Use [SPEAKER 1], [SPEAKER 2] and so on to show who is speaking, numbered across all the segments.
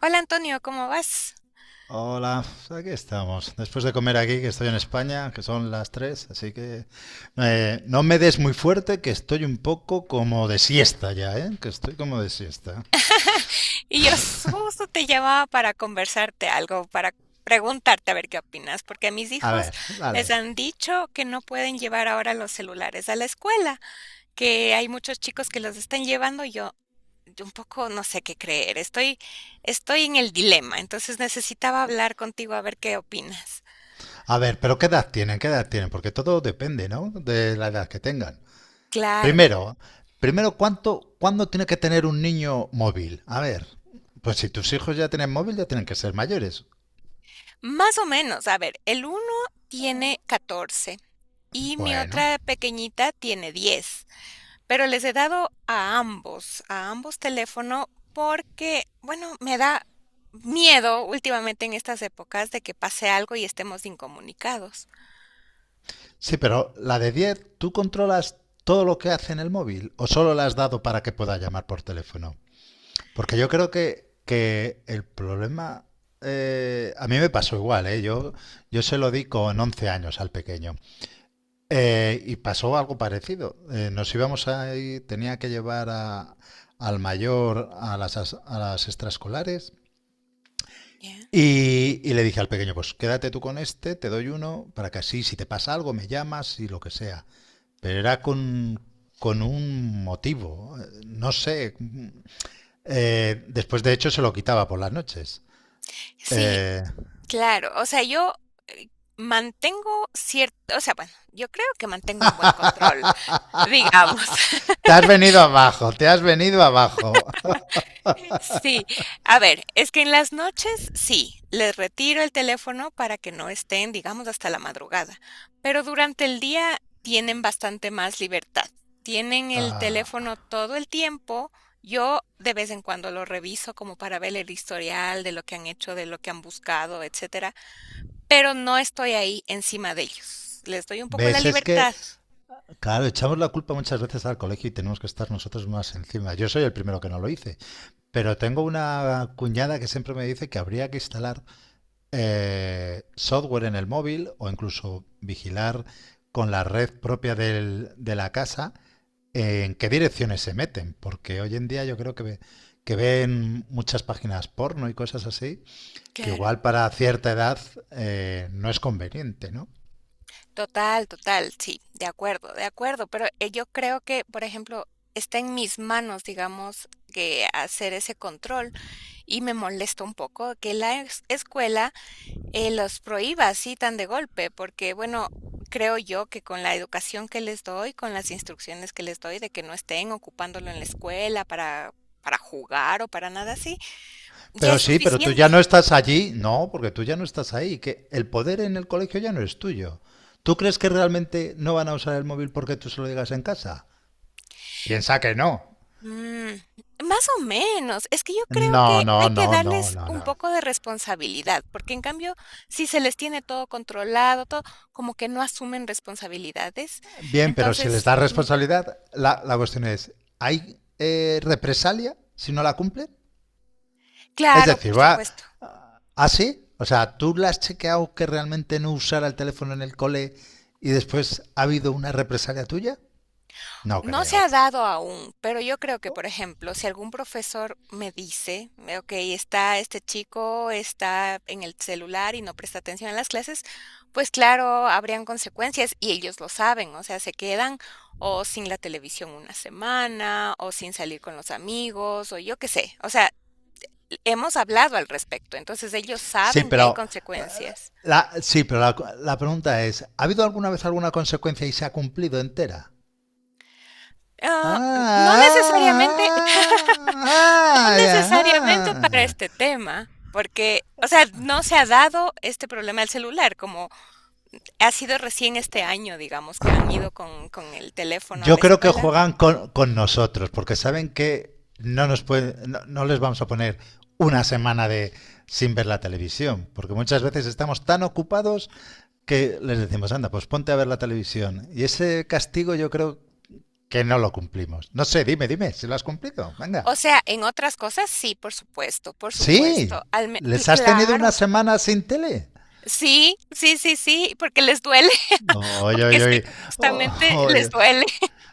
[SPEAKER 1] Hola Antonio, ¿cómo vas?
[SPEAKER 2] Hola, aquí estamos. Después de comer aquí, que estoy en España, que son las 3, así que no me des muy fuerte, que estoy un poco como de siesta ya, ¿eh? Que estoy como de siesta.
[SPEAKER 1] Justo te llamaba para conversarte algo, para preguntarte a ver qué opinas, porque a mis
[SPEAKER 2] A
[SPEAKER 1] hijos
[SPEAKER 2] ver,
[SPEAKER 1] les
[SPEAKER 2] dale.
[SPEAKER 1] han dicho que no pueden llevar ahora los celulares a la escuela, que hay muchos chicos que los están llevando y yo un poco no sé qué creer, estoy en el dilema, entonces necesitaba hablar contigo a ver qué opinas.
[SPEAKER 2] A ver, pero ¿qué edad tienen? ¿Qué edad tienen? Porque todo depende, ¿no? De la edad que tengan.
[SPEAKER 1] Claro,
[SPEAKER 2] Primero, primero, ¿cuándo tiene que tener un niño móvil? A ver, pues si tus hijos ya tienen móvil, ya tienen que ser mayores.
[SPEAKER 1] más o menos, a ver, el uno tiene 14 y mi
[SPEAKER 2] Bueno,
[SPEAKER 1] otra pequeñita tiene 10. Pero les he dado a ambos teléfono, porque, bueno, me da miedo últimamente en estas épocas de que pase algo y estemos incomunicados.
[SPEAKER 2] sí, pero la de 10, ¿tú controlas todo lo que hace en el móvil o solo la has dado para que pueda llamar por teléfono? Porque yo creo que el problema. A mí me pasó igual, ¿eh? Yo se lo di con 11 años al pequeño. Y pasó algo parecido. Nos íbamos ahí, tenía que al mayor a a las extraescolares.
[SPEAKER 1] Ya.
[SPEAKER 2] Y le dije al pequeño, pues quédate tú con este, te doy uno, para que así, si te pasa algo, me llamas y lo que sea, pero era con un motivo. No sé. Después, de hecho, se lo quitaba por las noches.
[SPEAKER 1] Sí, claro. O sea, yo, eh, mantengo cierto o sea, bueno, yo creo que mantengo un buen control, digamos.
[SPEAKER 2] Te has venido abajo, te has venido abajo.
[SPEAKER 1] Sí, a ver, es que en las noches sí, les retiro el teléfono para que no estén, digamos, hasta la madrugada, pero durante el día tienen bastante más libertad. Tienen el teléfono todo el tiempo. Yo de vez en cuando lo reviso como para ver el historial de lo que han hecho, de lo que han buscado, etcétera, pero no estoy ahí encima de ellos. Les doy un poco la
[SPEAKER 2] ¿Ves? Es
[SPEAKER 1] libertad.
[SPEAKER 2] que, claro, echamos la culpa muchas veces al colegio y tenemos que estar nosotros más encima. Yo soy el primero que no lo hice. Pero tengo una cuñada que siempre me dice que habría que instalar software en el móvil o incluso vigilar con la red propia de la casa, en qué direcciones se meten, porque hoy en día yo creo que ven muchas páginas porno y cosas así, que
[SPEAKER 1] Claro.
[SPEAKER 2] igual para cierta edad no es conveniente, ¿no?
[SPEAKER 1] Total, total, sí, de acuerdo, pero yo creo que, por ejemplo, está en mis manos, digamos, que hacer ese control y me molesta un poco que la escuela los prohíba así tan de golpe, porque bueno, creo yo que con la educación que les doy, con las instrucciones que les doy de que no estén ocupándolo en la escuela para jugar o para nada así, ya
[SPEAKER 2] Pero
[SPEAKER 1] es
[SPEAKER 2] sí, pero tú ya
[SPEAKER 1] suficiente.
[SPEAKER 2] no estás allí, no, porque tú ya no estás ahí, que el poder en el colegio ya no es tuyo. ¿Tú crees que realmente no van a usar el móvil porque tú se lo digas en casa? Piensa que no.
[SPEAKER 1] Mm, más o menos. Es que yo creo
[SPEAKER 2] No,
[SPEAKER 1] que
[SPEAKER 2] no,
[SPEAKER 1] hay que
[SPEAKER 2] no, no,
[SPEAKER 1] darles
[SPEAKER 2] no,
[SPEAKER 1] un
[SPEAKER 2] no.
[SPEAKER 1] poco de responsabilidad, porque en cambio, si se les tiene todo controlado, todo, como que no asumen responsabilidades.
[SPEAKER 2] Bien, pero si les
[SPEAKER 1] Entonces,
[SPEAKER 2] da responsabilidad, la cuestión es, ¿hay represalia si no la cumplen? Es
[SPEAKER 1] claro,
[SPEAKER 2] decir,
[SPEAKER 1] por
[SPEAKER 2] va
[SPEAKER 1] supuesto.
[SPEAKER 2] así, o sea, ¿tú la has chequeado que realmente no usara el teléfono en el cole y después ha habido una represalia tuya? No
[SPEAKER 1] No se
[SPEAKER 2] creo.
[SPEAKER 1] ha dado aún, pero yo creo que, por ejemplo, si algún profesor me dice, ok, está este chico, está en el celular y no presta atención a las clases, pues claro, habrían consecuencias y ellos lo saben, o sea, se quedan o sin la televisión una semana, o sin salir con los amigos, o yo qué sé, o sea, hemos hablado al respecto, entonces ellos
[SPEAKER 2] Sí,
[SPEAKER 1] saben que hay
[SPEAKER 2] pero
[SPEAKER 1] consecuencias.
[SPEAKER 2] sí, pero la pregunta es, ¿ha habido alguna vez alguna consecuencia y se ha cumplido entera?
[SPEAKER 1] Ah, no necesariamente.
[SPEAKER 2] Ah,
[SPEAKER 1] No
[SPEAKER 2] ah, ah,
[SPEAKER 1] necesariamente
[SPEAKER 2] ah,
[SPEAKER 1] para este
[SPEAKER 2] ah.
[SPEAKER 1] tema, porque, o sea, no se ha dado este problema del celular, como ha sido recién este año, digamos, que han ido con el teléfono a
[SPEAKER 2] Yo
[SPEAKER 1] la
[SPEAKER 2] creo que
[SPEAKER 1] escuela.
[SPEAKER 2] juegan
[SPEAKER 1] Mm.
[SPEAKER 2] con nosotros, porque saben que no, nos pueden, no, no les vamos a poner una semana de, sin ver la televisión, porque muchas veces estamos tan ocupados que les decimos, anda, pues ponte a ver la televisión. Y ese castigo yo creo que no lo cumplimos. No sé, dime, dime, si lo has cumplido. Venga.
[SPEAKER 1] O sea, en otras cosas sí, por supuesto, por supuesto.
[SPEAKER 2] Sí,
[SPEAKER 1] Al
[SPEAKER 2] les has tenido una
[SPEAKER 1] claro.
[SPEAKER 2] semana sin tele.
[SPEAKER 1] Sí, sí, sí, sí, porque les duele,
[SPEAKER 2] Oye,
[SPEAKER 1] porque sé
[SPEAKER 2] oye,
[SPEAKER 1] que justamente les
[SPEAKER 2] oye.
[SPEAKER 1] duele.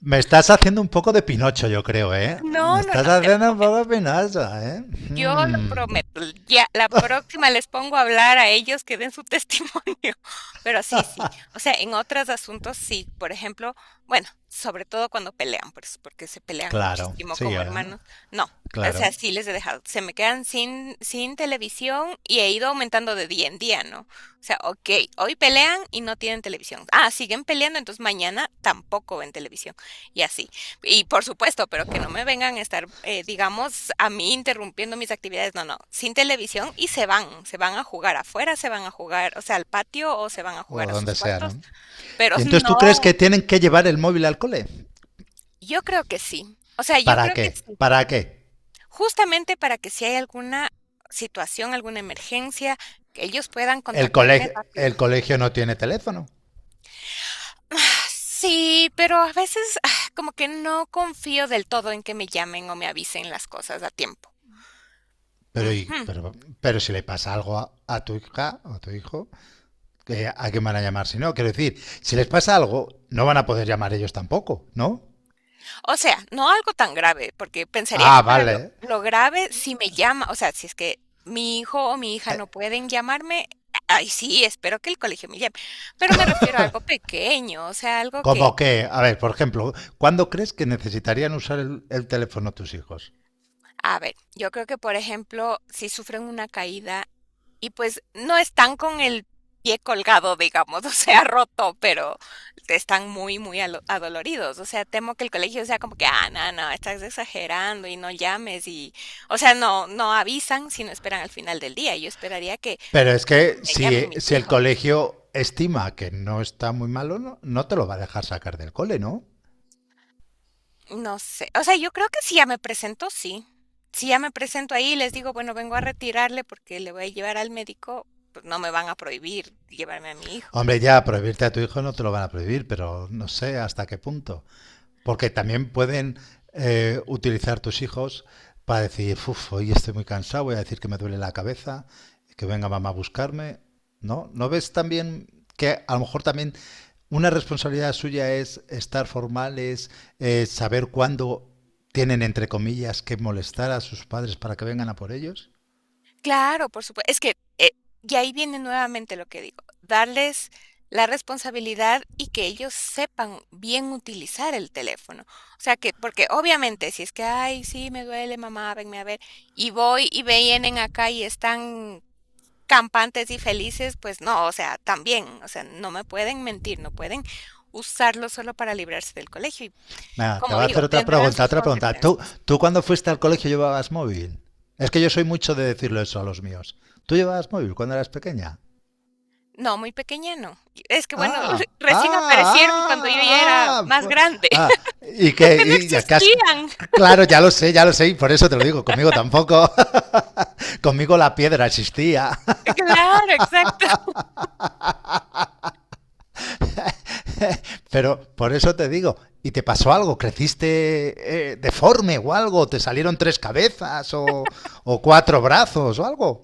[SPEAKER 2] Me estás haciendo un poco de Pinocho, yo creo, ¿eh? Me
[SPEAKER 1] No, no,
[SPEAKER 2] estás
[SPEAKER 1] no, te
[SPEAKER 2] haciendo un poco de
[SPEAKER 1] prometo.
[SPEAKER 2] Pinocho, ¿eh?
[SPEAKER 1] Yo lo
[SPEAKER 2] Hmm,
[SPEAKER 1] prometo. Ya, la próxima les pongo a hablar a ellos que den su testimonio. Pero sí, sí. O sea, en otros asuntos sí. Por ejemplo, bueno, sobre todo cuando pelean, pues, porque se pelean
[SPEAKER 2] claro,
[SPEAKER 1] muchísimo
[SPEAKER 2] sí,
[SPEAKER 1] como
[SPEAKER 2] ¿eh?
[SPEAKER 1] hermanos. No. O sea,
[SPEAKER 2] Claro.
[SPEAKER 1] sí les he dejado. Se me quedan sin televisión y he ido aumentando de día en día, ¿no? O sea, ok, hoy pelean y no tienen televisión. Ah, siguen peleando, entonces mañana tampoco ven televisión. Y así. Y por supuesto, pero que no me vengan a estar, digamos, a mí interrumpiendo mis actividades. No, no, sin televisión y se van a jugar afuera, se van a jugar, o sea, al patio o se van a
[SPEAKER 2] O
[SPEAKER 1] jugar a sus
[SPEAKER 2] donde sea,
[SPEAKER 1] cuartos,
[SPEAKER 2] ¿no?
[SPEAKER 1] pero
[SPEAKER 2] Y entonces tú crees que
[SPEAKER 1] no,
[SPEAKER 2] tienen que llevar el móvil al cole.
[SPEAKER 1] yo creo que sí. O sea, yo
[SPEAKER 2] ¿Para
[SPEAKER 1] creo que
[SPEAKER 2] qué?
[SPEAKER 1] sí.
[SPEAKER 2] ¿Para qué?
[SPEAKER 1] Justamente para que si hay alguna situación, alguna emergencia, que ellos puedan contactarme rápido.
[SPEAKER 2] El colegio no tiene teléfono.
[SPEAKER 1] Ah, sí, pero a veces como que no confío del todo en que me llamen o me avisen las cosas a tiempo.
[SPEAKER 2] Pero, y-
[SPEAKER 1] Ujú.
[SPEAKER 2] pero, pero si le pasa algo a tu hija o a tu hijo, ¿qué- ¿a quién van a llamar si no? Quiero decir, si les pasa algo, no van a poder llamar ellos tampoco, ¿no?
[SPEAKER 1] O sea, no algo tan grave, porque pensaría
[SPEAKER 2] Ah,
[SPEAKER 1] que para lo
[SPEAKER 2] vale.
[SPEAKER 1] lo grave, si me llama, o sea, si es que mi hijo o mi hija no pueden llamarme, ay, sí, espero que el colegio me llame, pero me refiero a algo pequeño, o sea, algo
[SPEAKER 2] Como
[SPEAKER 1] que,
[SPEAKER 2] que, a ver, por ejemplo, ¿cuándo crees que necesitarían usar el teléfono tus hijos?
[SPEAKER 1] a ver, yo creo que, por ejemplo, si sufren una caída. Y pues no están con el pie colgado, digamos, o sea, roto, pero están muy, muy adoloridos. O sea, temo que el colegio sea como que, ah, no, no, estás exagerando y no llames y, o sea, no, no avisan, sino esperan al final del día. Yo esperaría que,
[SPEAKER 2] Pero
[SPEAKER 1] por
[SPEAKER 2] es
[SPEAKER 1] ejemplo,
[SPEAKER 2] que
[SPEAKER 1] me llamen
[SPEAKER 2] si,
[SPEAKER 1] mis
[SPEAKER 2] si el
[SPEAKER 1] hijos.
[SPEAKER 2] colegio estima que no está muy malo, no, no te lo va a dejar sacar del cole, ¿no?
[SPEAKER 1] No sé, o sea, yo creo que si ya me presento, sí. Si ya me presento ahí y les digo, bueno, vengo a retirarle porque le voy a llevar al médico, pues no me van a prohibir llevarme a mi hijo.
[SPEAKER 2] Hombre, ya prohibirte a tu hijo no te lo van a prohibir, pero no sé hasta qué punto. Porque también pueden utilizar tus hijos para decir, uff, hoy estoy muy cansado, voy a decir que me duele la cabeza, que venga mamá a buscarme. ¿No? ¿No ves también que a lo mejor también una responsabilidad suya es estar formales, saber cuándo tienen, entre comillas, que molestar a sus padres para que vengan a por ellos?
[SPEAKER 1] Claro, por supuesto. Es que, y ahí viene nuevamente lo que digo, darles la responsabilidad y que ellos sepan bien utilizar el teléfono. O sea que porque obviamente si es que: "Ay, sí, me duele, mamá, venme a ver", y voy y vienen acá y están campantes y felices, pues no, o sea, también, o sea, no me pueden mentir, no pueden usarlo solo para librarse del colegio y,
[SPEAKER 2] Venga, te
[SPEAKER 1] como
[SPEAKER 2] voy a
[SPEAKER 1] digo,
[SPEAKER 2] hacer otra
[SPEAKER 1] tendrán
[SPEAKER 2] pregunta,
[SPEAKER 1] sus
[SPEAKER 2] otra pregunta. ¿Tú,
[SPEAKER 1] consecuencias.
[SPEAKER 2] tú cuando fuiste al colegio llevabas móvil? Es que yo soy mucho de decirlo eso a los míos. ¿Tú llevabas móvil cuando eras pequeña?
[SPEAKER 1] No, muy pequeña no. Y es que bueno,
[SPEAKER 2] Ah,
[SPEAKER 1] recién aparecieron cuando yo ya era
[SPEAKER 2] ah, ah,
[SPEAKER 1] más
[SPEAKER 2] ah,
[SPEAKER 1] grande.
[SPEAKER 2] ah. Y
[SPEAKER 1] Es
[SPEAKER 2] que,
[SPEAKER 1] que no
[SPEAKER 2] y ya que has-
[SPEAKER 1] existían.
[SPEAKER 2] Claro, ya lo sé, y por eso te lo digo, conmigo tampoco. Conmigo la piedra existía,
[SPEAKER 1] Claro, exacto.
[SPEAKER 2] pero por eso te digo, ¿y te pasó algo? ¿Creciste deforme o algo? ¿Te salieron tres cabezas o cuatro brazos o algo?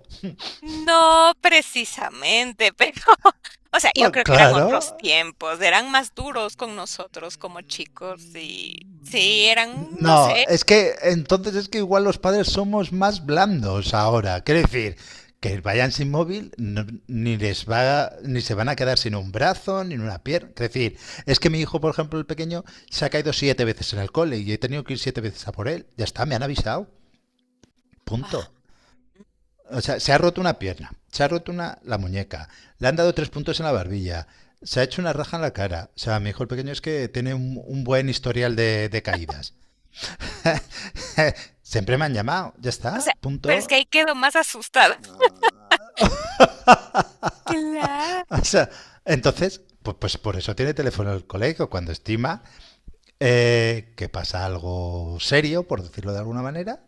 [SPEAKER 1] No precisamente, pero, o sea, yo
[SPEAKER 2] Bueno,
[SPEAKER 1] creo que eran otros
[SPEAKER 2] claro,
[SPEAKER 1] tiempos, eran más duros con nosotros como chicos y sí, eran, no
[SPEAKER 2] no,
[SPEAKER 1] sé.
[SPEAKER 2] es que entonces es que igual los padres somos más blandos ahora. Quiero decir, que vayan sin móvil, ni les va, ni se van a quedar sin un brazo, ni una pierna. Quiero decir, es que mi hijo, por ejemplo, el pequeño, se ha caído siete veces en el cole y he tenido que ir siete veces a por él. Ya está, me han avisado.
[SPEAKER 1] Ah,
[SPEAKER 2] Punto.
[SPEAKER 1] mm,
[SPEAKER 2] O sea, se ha roto una pierna, se ha roto una, la muñeca, le han dado tres puntos en la barbilla, se ha hecho una raja en la cara. O sea, mi hijo el pequeño es que tiene un buen historial de caídas.
[SPEAKER 1] mm,
[SPEAKER 2] Siempre me han llamado, ya
[SPEAKER 1] o
[SPEAKER 2] está,
[SPEAKER 1] sea, pero es que
[SPEAKER 2] punto.
[SPEAKER 1] ahí quedo más asustada. Claro.
[SPEAKER 2] O sea,
[SPEAKER 1] Mm,
[SPEAKER 2] entonces, pues, pues por eso tiene teléfono el colegio, cuando estima que pasa algo serio, por decirlo de alguna manera,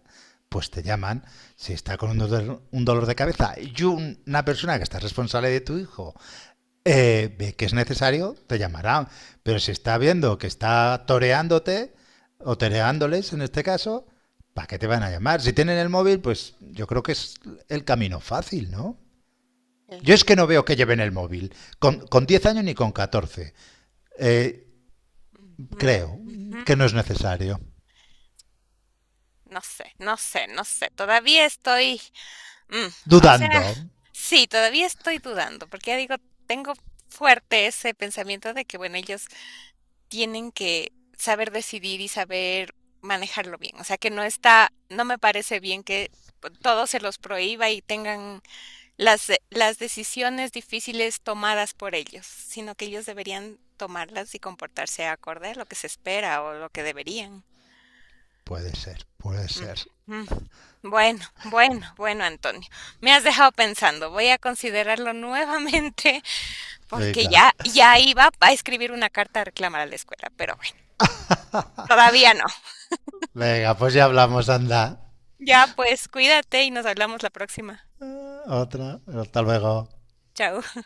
[SPEAKER 2] pues te llaman. Si está con un dolor de cabeza y una persona que está responsable de tu hijo ve que es necesario, te llamarán. Pero si está viendo que está toreándote, o toreándoles en este caso, ¿para qué te van a llamar? Si tienen el móvil, pues yo creo que es el camino fácil, ¿no? Yo es
[SPEAKER 1] cla-
[SPEAKER 2] que no veo que lleven el móvil, con 10 años ni con 14. Eh,
[SPEAKER 1] mm,
[SPEAKER 2] Creo
[SPEAKER 1] ujú,
[SPEAKER 2] que no es
[SPEAKER 1] ujú.
[SPEAKER 2] necesario.
[SPEAKER 1] No sé, no sé, no sé. Todavía estoy. Mm, o sea,
[SPEAKER 2] Dudando.
[SPEAKER 1] sí, todavía estoy dudando, porque ya digo, tengo fuerte ese pensamiento de que, bueno, ellos tienen que saber decidir y saber manejarlo bien. O sea, que no está, no me parece bien que pues, todo se los prohíba y tengan las decisiones difíciles tomadas por ellos, sino que ellos deberían tomarlas y comportarse acorde a lo que se espera o lo que deberían.
[SPEAKER 2] Puede ser, puede
[SPEAKER 1] Mm,
[SPEAKER 2] ser.
[SPEAKER 1] mm. Bueno, bueno, bueno, Antonio, me has dejado pensando. Voy a considerarlo nuevamente porque
[SPEAKER 2] Venga,
[SPEAKER 1] ya iba a escribir una carta a reclamar a la escuela, pero bueno, todavía no.
[SPEAKER 2] venga, pues ya hablamos, anda.
[SPEAKER 1] Ya pues, cuídate y nos hablamos la próxima.
[SPEAKER 2] Otra, hasta luego.
[SPEAKER 1] Chao.